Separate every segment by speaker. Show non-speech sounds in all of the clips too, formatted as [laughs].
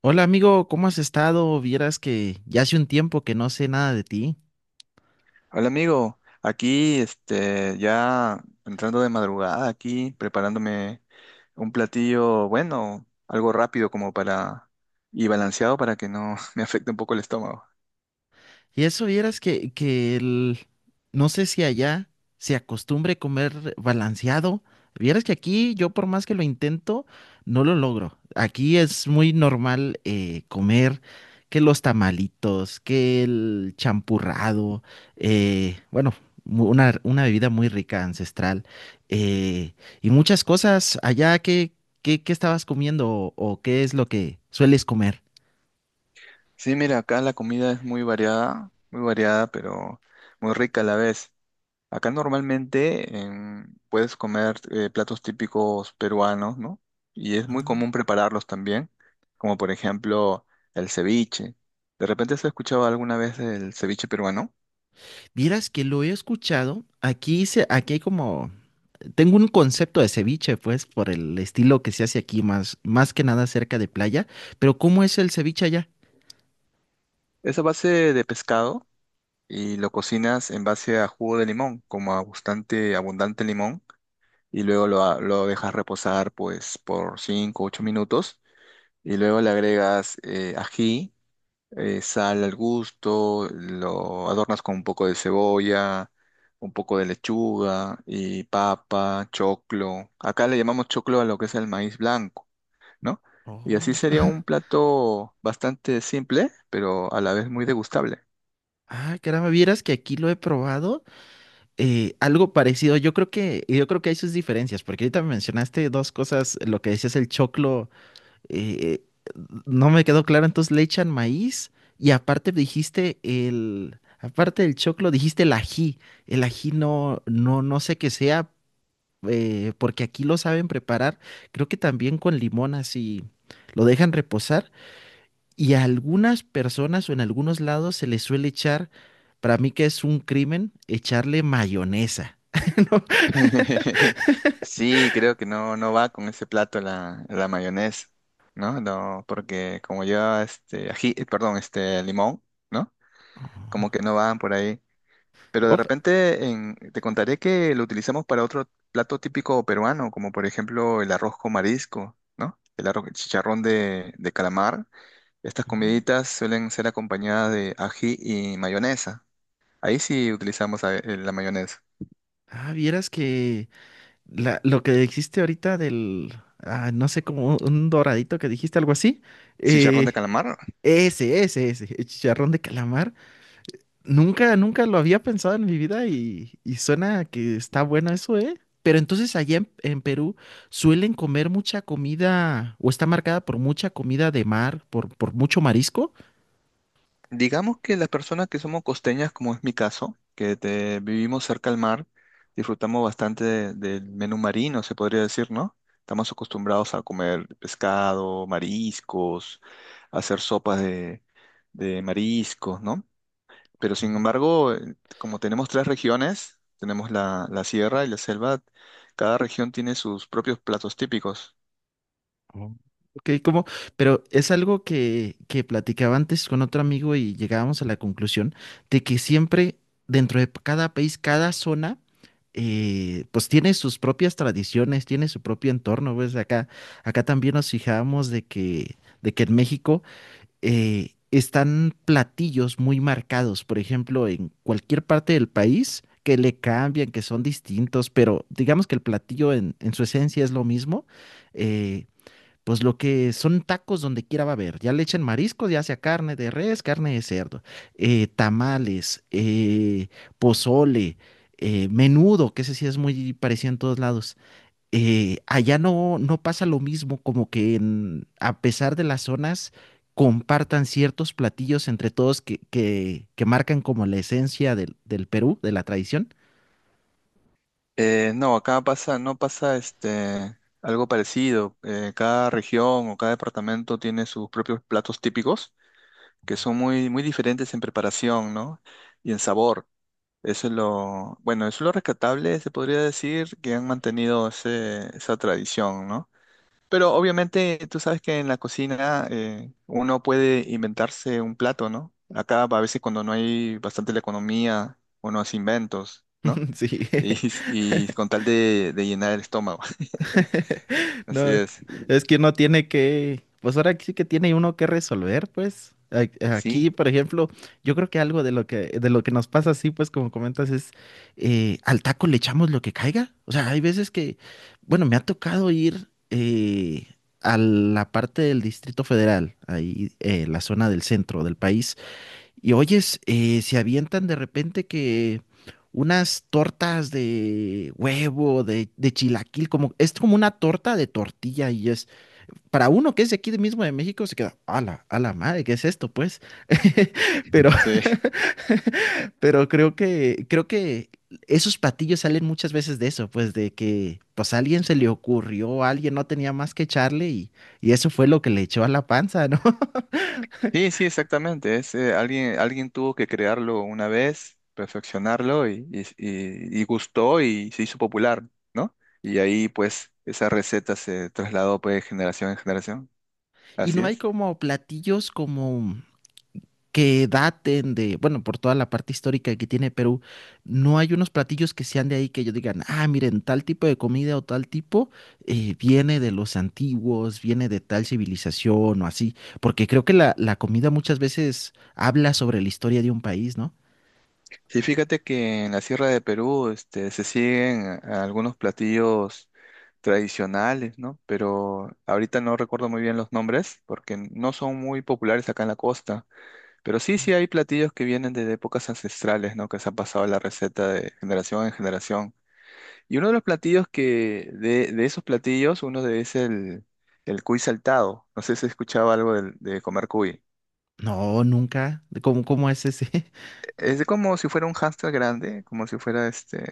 Speaker 1: Hola amigo, ¿cómo has estado? Vieras que ya hace un tiempo que no sé nada de ti.
Speaker 2: Hola amigo, aquí este ya entrando de madrugada aquí preparándome un platillo bueno, algo rápido como para y balanceado para que no [laughs] me afecte un poco el estómago.
Speaker 1: Y eso vieras no sé si allá se acostumbre comer balanceado. Vieras que aquí yo por más que lo intento, no lo logro. Aquí es muy normal comer que los tamalitos, que el champurrado, eh, bueno, una bebida muy rica, ancestral, eh, y muchas cosas allá qué estabas comiendo o qué es lo que sueles comer.
Speaker 2: Sí, mira, acá la comida es muy variada, pero muy rica a la vez. Acá normalmente puedes comer platos típicos peruanos, ¿no? Y es muy común
Speaker 1: Ah.
Speaker 2: prepararlos también, como por ejemplo el ceviche. ¿De repente has escuchado alguna vez el ceviche peruano?
Speaker 1: Vieras que lo he escuchado. Aquí hay como, tengo un concepto de ceviche, pues, por el estilo que se hace aquí, más que nada cerca de playa. Pero ¿cómo es el ceviche allá?
Speaker 2: Es a base de pescado y lo cocinas en base a jugo de limón, como a bastante abundante limón, y luego lo dejas reposar pues por cinco o 8 minutos, y luego le agregas ají, sal al gusto, lo adornas con un poco de cebolla, un poco de lechuga y papa, choclo. Acá le llamamos choclo a lo que es el maíz blanco, ¿no? Y así
Speaker 1: Oh.
Speaker 2: sería un
Speaker 1: [laughs]
Speaker 2: plato bastante simple, pero a la vez muy degustable.
Speaker 1: Ah, caramba, vieras que aquí lo he probado, algo parecido. Yo creo que hay sus diferencias, porque ahorita me mencionaste dos cosas, lo que decías el choclo eh, no me quedó claro, entonces le echan maíz y aparte dijiste aparte del choclo, dijiste el ají. El ají no, no, no sé qué sea, porque aquí lo saben preparar, creo que también con limón así lo dejan reposar y a algunas personas o en algunos lados se les suele echar, para mí que es un crimen, echarle mayonesa.
Speaker 2: [laughs] Sí, creo que no, no va con ese plato la mayonesa, ¿no? No, porque como lleva este ají, perdón, este limón, ¿no? Como que no van por ahí. Pero de
Speaker 1: Op.
Speaker 2: repente te contaré que lo utilizamos para otro plato típico peruano, como por ejemplo el arroz con marisco, ¿no? El arroz, el chicharrón de calamar. Estas
Speaker 1: Mm.
Speaker 2: comiditas suelen ser acompañadas de ají y mayonesa. Ahí sí utilizamos la mayonesa.
Speaker 1: Ah, vieras que... Lo que dijiste ahorita ah, no sé, como un doradito que dijiste, algo así.
Speaker 2: ¿Chicharrón
Speaker 1: eh,
Speaker 2: de calamar?
Speaker 1: ese, el chicharrón de calamar. Nunca lo había pensado en mi vida y suena que está bueno eso, ¿eh? Pero entonces allá en Perú suelen comer mucha comida o está marcada por mucha comida de mar, por mucho marisco.
Speaker 2: Digamos que las personas que somos costeñas, como es mi caso, vivimos cerca al mar, disfrutamos bastante del menú marino, se podría decir, ¿no? Estamos acostumbrados a comer pescado, mariscos, hacer sopas de mariscos, ¿no? Pero sin embargo, como tenemos tres regiones, tenemos la sierra y la selva, cada región tiene sus propios platos típicos.
Speaker 1: Oh. Ok, como, pero es algo que platicaba antes con otro amigo y llegábamos a la conclusión de que siempre dentro de cada país, cada zona, pues tiene sus propias tradiciones, tiene su propio entorno, pues acá, acá también nos fijábamos de que en México están platillos muy marcados, por ejemplo, en cualquier parte del país que le cambian, que son distintos, pero digamos que el platillo en su esencia es lo mismo. eh, pues lo que son tacos donde quiera va a haber. Ya le echan mariscos, ya sea carne de res, carne de cerdo, tamales, pozole, menudo, que ese sí es muy parecido en todos lados. Allá no, no pasa lo mismo, como que a pesar de las zonas, compartan ciertos platillos entre todos que marcan como la esencia del Perú, de la tradición.
Speaker 2: No, acá pasa, no pasa este algo parecido. Cada región o cada departamento tiene sus propios platos típicos que son muy, muy diferentes en preparación, ¿no? Y en sabor. Eso es lo, bueno, eso es lo rescatable, se podría decir, que han mantenido ese, esa tradición, ¿no? Pero obviamente tú sabes que en la cocina uno puede inventarse un plato, ¿no? Acá a veces cuando no hay bastante la economía, uno hace inventos, ¿no?
Speaker 1: [laughs] Sí.
Speaker 2: Y, [laughs] y con tal de llenar el estómago. [laughs] Así
Speaker 1: No,
Speaker 2: es.
Speaker 1: es que uno tiene que, pues ahora sí que tiene uno que resolver, pues. A- Aquí,
Speaker 2: Sí,
Speaker 1: por ejemplo, yo creo que algo de lo que nos pasa así, pues como comentas, es al taco le echamos lo que caiga. O sea, hay veces que, bueno, me ha tocado ir a la parte del Distrito Federal, ahí la zona del centro del país, y oyes, se avientan de repente que unas tortas de huevo, de chilaquil, como, es como una torta de tortilla y es, para uno que es de aquí de mismo de México, se queda, a la madre, ¿qué es esto, pues? [laughs] Pero,
Speaker 2: sí.
Speaker 1: pero creo que esos platillos salen muchas veces de eso, pues de que, pues a alguien se le ocurrió, alguien no tenía más que echarle y eso fue lo que le echó a la panza, ¿no? [laughs]
Speaker 2: Sí, sí, exactamente. Es, alguien, alguien tuvo que crearlo una vez, perfeccionarlo y gustó y se hizo popular, ¿no? Y ahí pues esa receta se trasladó pues de generación en generación.
Speaker 1: Y
Speaker 2: Así
Speaker 1: no hay
Speaker 2: es.
Speaker 1: como platillos como... que daten de, bueno, por toda la parte histórica que tiene Perú, no hay unos platillos que sean de ahí que ellos digan, ah, miren, tal tipo de comida o tal tipo viene de los antiguos, viene de tal civilización o así, porque creo que la comida muchas veces habla sobre la historia de un país, ¿no?
Speaker 2: Sí, fíjate que en la Sierra de Perú, este, se siguen algunos platillos tradicionales, ¿no? Pero ahorita no recuerdo muy bien los nombres porque no son muy populares acá en la costa. Pero sí, sí hay platillos que vienen desde épocas ancestrales, ¿no? Que se han pasado la receta de generación en generación. Y uno de los platillos que, de esos platillos, uno de es el cuy saltado. No sé si escuchaba algo de comer cuy.
Speaker 1: No, nunca. ¿Cómo, cómo es ese? [laughs]
Speaker 2: Es como si fuera un hámster grande, como si fuera este.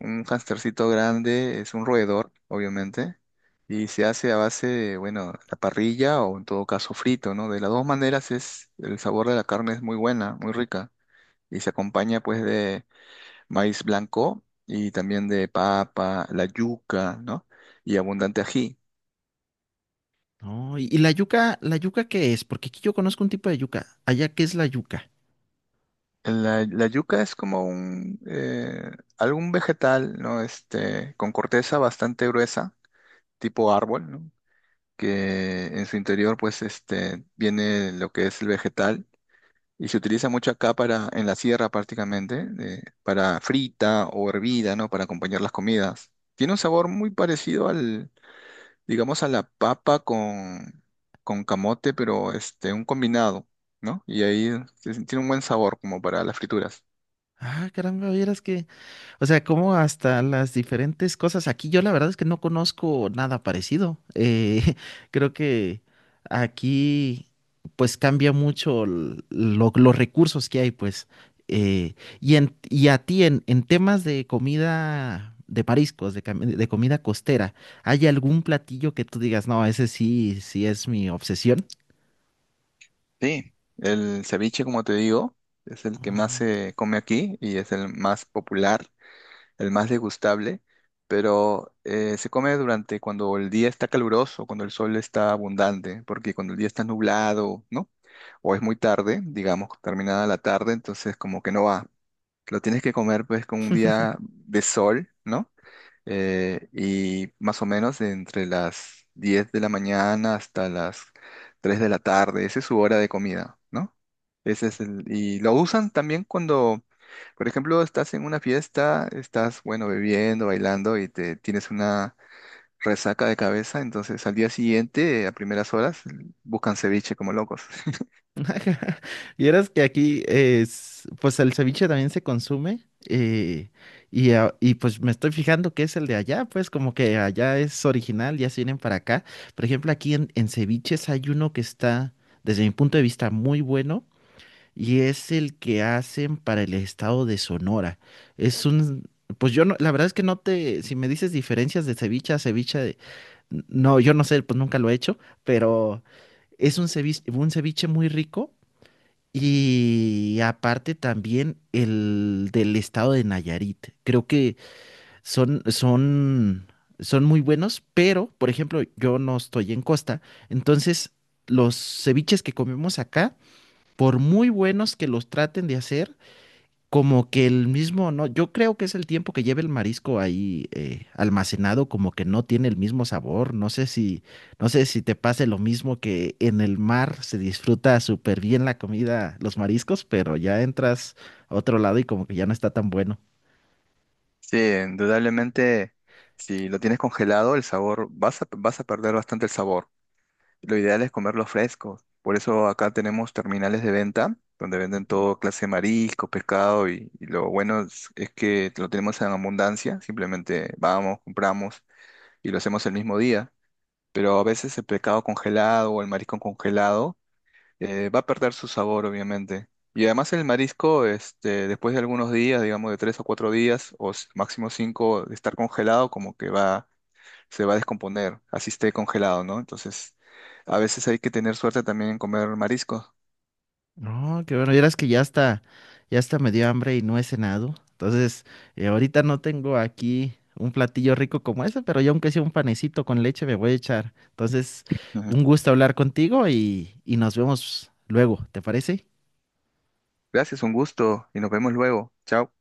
Speaker 2: Un hamstercito grande es un roedor, obviamente, y se hace a base de, bueno, la parrilla o en todo caso frito, ¿no? De las dos maneras es, el sabor de la carne es muy buena, muy rica, y se acompaña pues de maíz blanco y también de papa, la yuca, ¿no? Y abundante ají.
Speaker 1: No, y ¿la yuca qué es? Porque aquí yo conozco un tipo de yuca. Allá, ¿qué es la yuca?
Speaker 2: La yuca es como un, algún vegetal, ¿no? Este, con corteza bastante gruesa, tipo árbol, ¿no? Que en su interior pues este viene lo que es el vegetal y se utiliza mucho acá para en la sierra prácticamente para frita o hervida, ¿no? Para acompañar las comidas. Tiene un sabor muy parecido al, digamos, a la papa con, camote, pero este un combinado, ¿no? Y ahí tiene un buen sabor como para las frituras.
Speaker 1: Ah, caramba, vieras que... O sea, como hasta las diferentes cosas. Aquí yo la verdad es que no conozco nada parecido. [laughs] Creo que aquí pues cambia mucho los recursos que hay, pues. Eh, y a ti en temas de comida de mariscos, de comida costera, ¿hay algún platillo que tú digas, no, ese sí, sí es mi obsesión?
Speaker 2: Sí, el ceviche, como te digo, es el que más se come aquí y es el más popular, el más degustable, pero se come durante cuando el día está caluroso, cuando el sol está abundante, porque cuando el día está nublado, ¿no? O es muy tarde, digamos, terminada la tarde, entonces como que no va. Lo tienes que comer pues con un día de sol, ¿no? Y más o menos entre las 10 de la mañana hasta las 3 de la tarde. Esa es su hora de comida, ¿no? Ese es el, y lo usan también cuando, por ejemplo, estás en una fiesta, estás, bueno, bebiendo, bailando y te tienes una resaca de cabeza, entonces al día siguiente, a primeras horas, buscan ceviche como locos. [laughs]
Speaker 1: [laughs] Y eras que aquí es, pues el ceviche también se consume eh, y pues me estoy fijando que es el de allá, pues como que allá es original, ya se vienen para acá. Por ejemplo, aquí en ceviches hay uno que está, desde mi punto de vista, muy bueno y es el que hacen para el estado de Sonora. Es un, pues yo no, la verdad es que no te, si me dices diferencias de ceviche a ceviche, de- no, yo no sé, pues nunca lo he hecho, pero... Es un ceviche muy rico y aparte también el del estado de Nayarit. Creo que son, son, son muy buenos, pero, por ejemplo, yo no estoy en costa. Entonces, los ceviches que comemos acá, por muy buenos que los traten de hacer, como que el mismo, no, yo creo que es el tiempo que lleva el marisco ahí almacenado, como que no tiene el mismo sabor. No sé si, no sé si te pase lo mismo que en el mar se disfruta súper bien la comida, los mariscos, pero ya entras a otro lado y como que ya no está tan bueno.
Speaker 2: Sí, indudablemente, si lo tienes congelado, el sabor, vas a perder bastante el sabor. Lo ideal es comerlos frescos. Por eso acá tenemos terminales de venta donde venden todo clase de marisco, pescado y lo bueno es que lo tenemos en abundancia. Simplemente vamos, compramos y lo hacemos el mismo día. Pero a veces el pescado congelado o el marisco congelado va a perder su sabor, obviamente. Y además el marisco, este, después de algunos días, digamos de 3 o 4 días o s- máximo cinco de estar congelado, como que va se va a descomponer, así esté congelado, ¿no? Entonces, a veces hay que tener suerte también en comer mariscos.
Speaker 1: No, qué bueno, vieras que ya está me dio hambre y no he cenado. Entonces, ahorita no tengo aquí un platillo rico como ese, pero yo aunque sea un panecito con leche me voy a echar. Entonces,
Speaker 2: Ujú.
Speaker 1: un gusto hablar contigo y nos vemos luego, ¿te parece?
Speaker 2: Gracias, un gusto y nos vemos luego. Chao.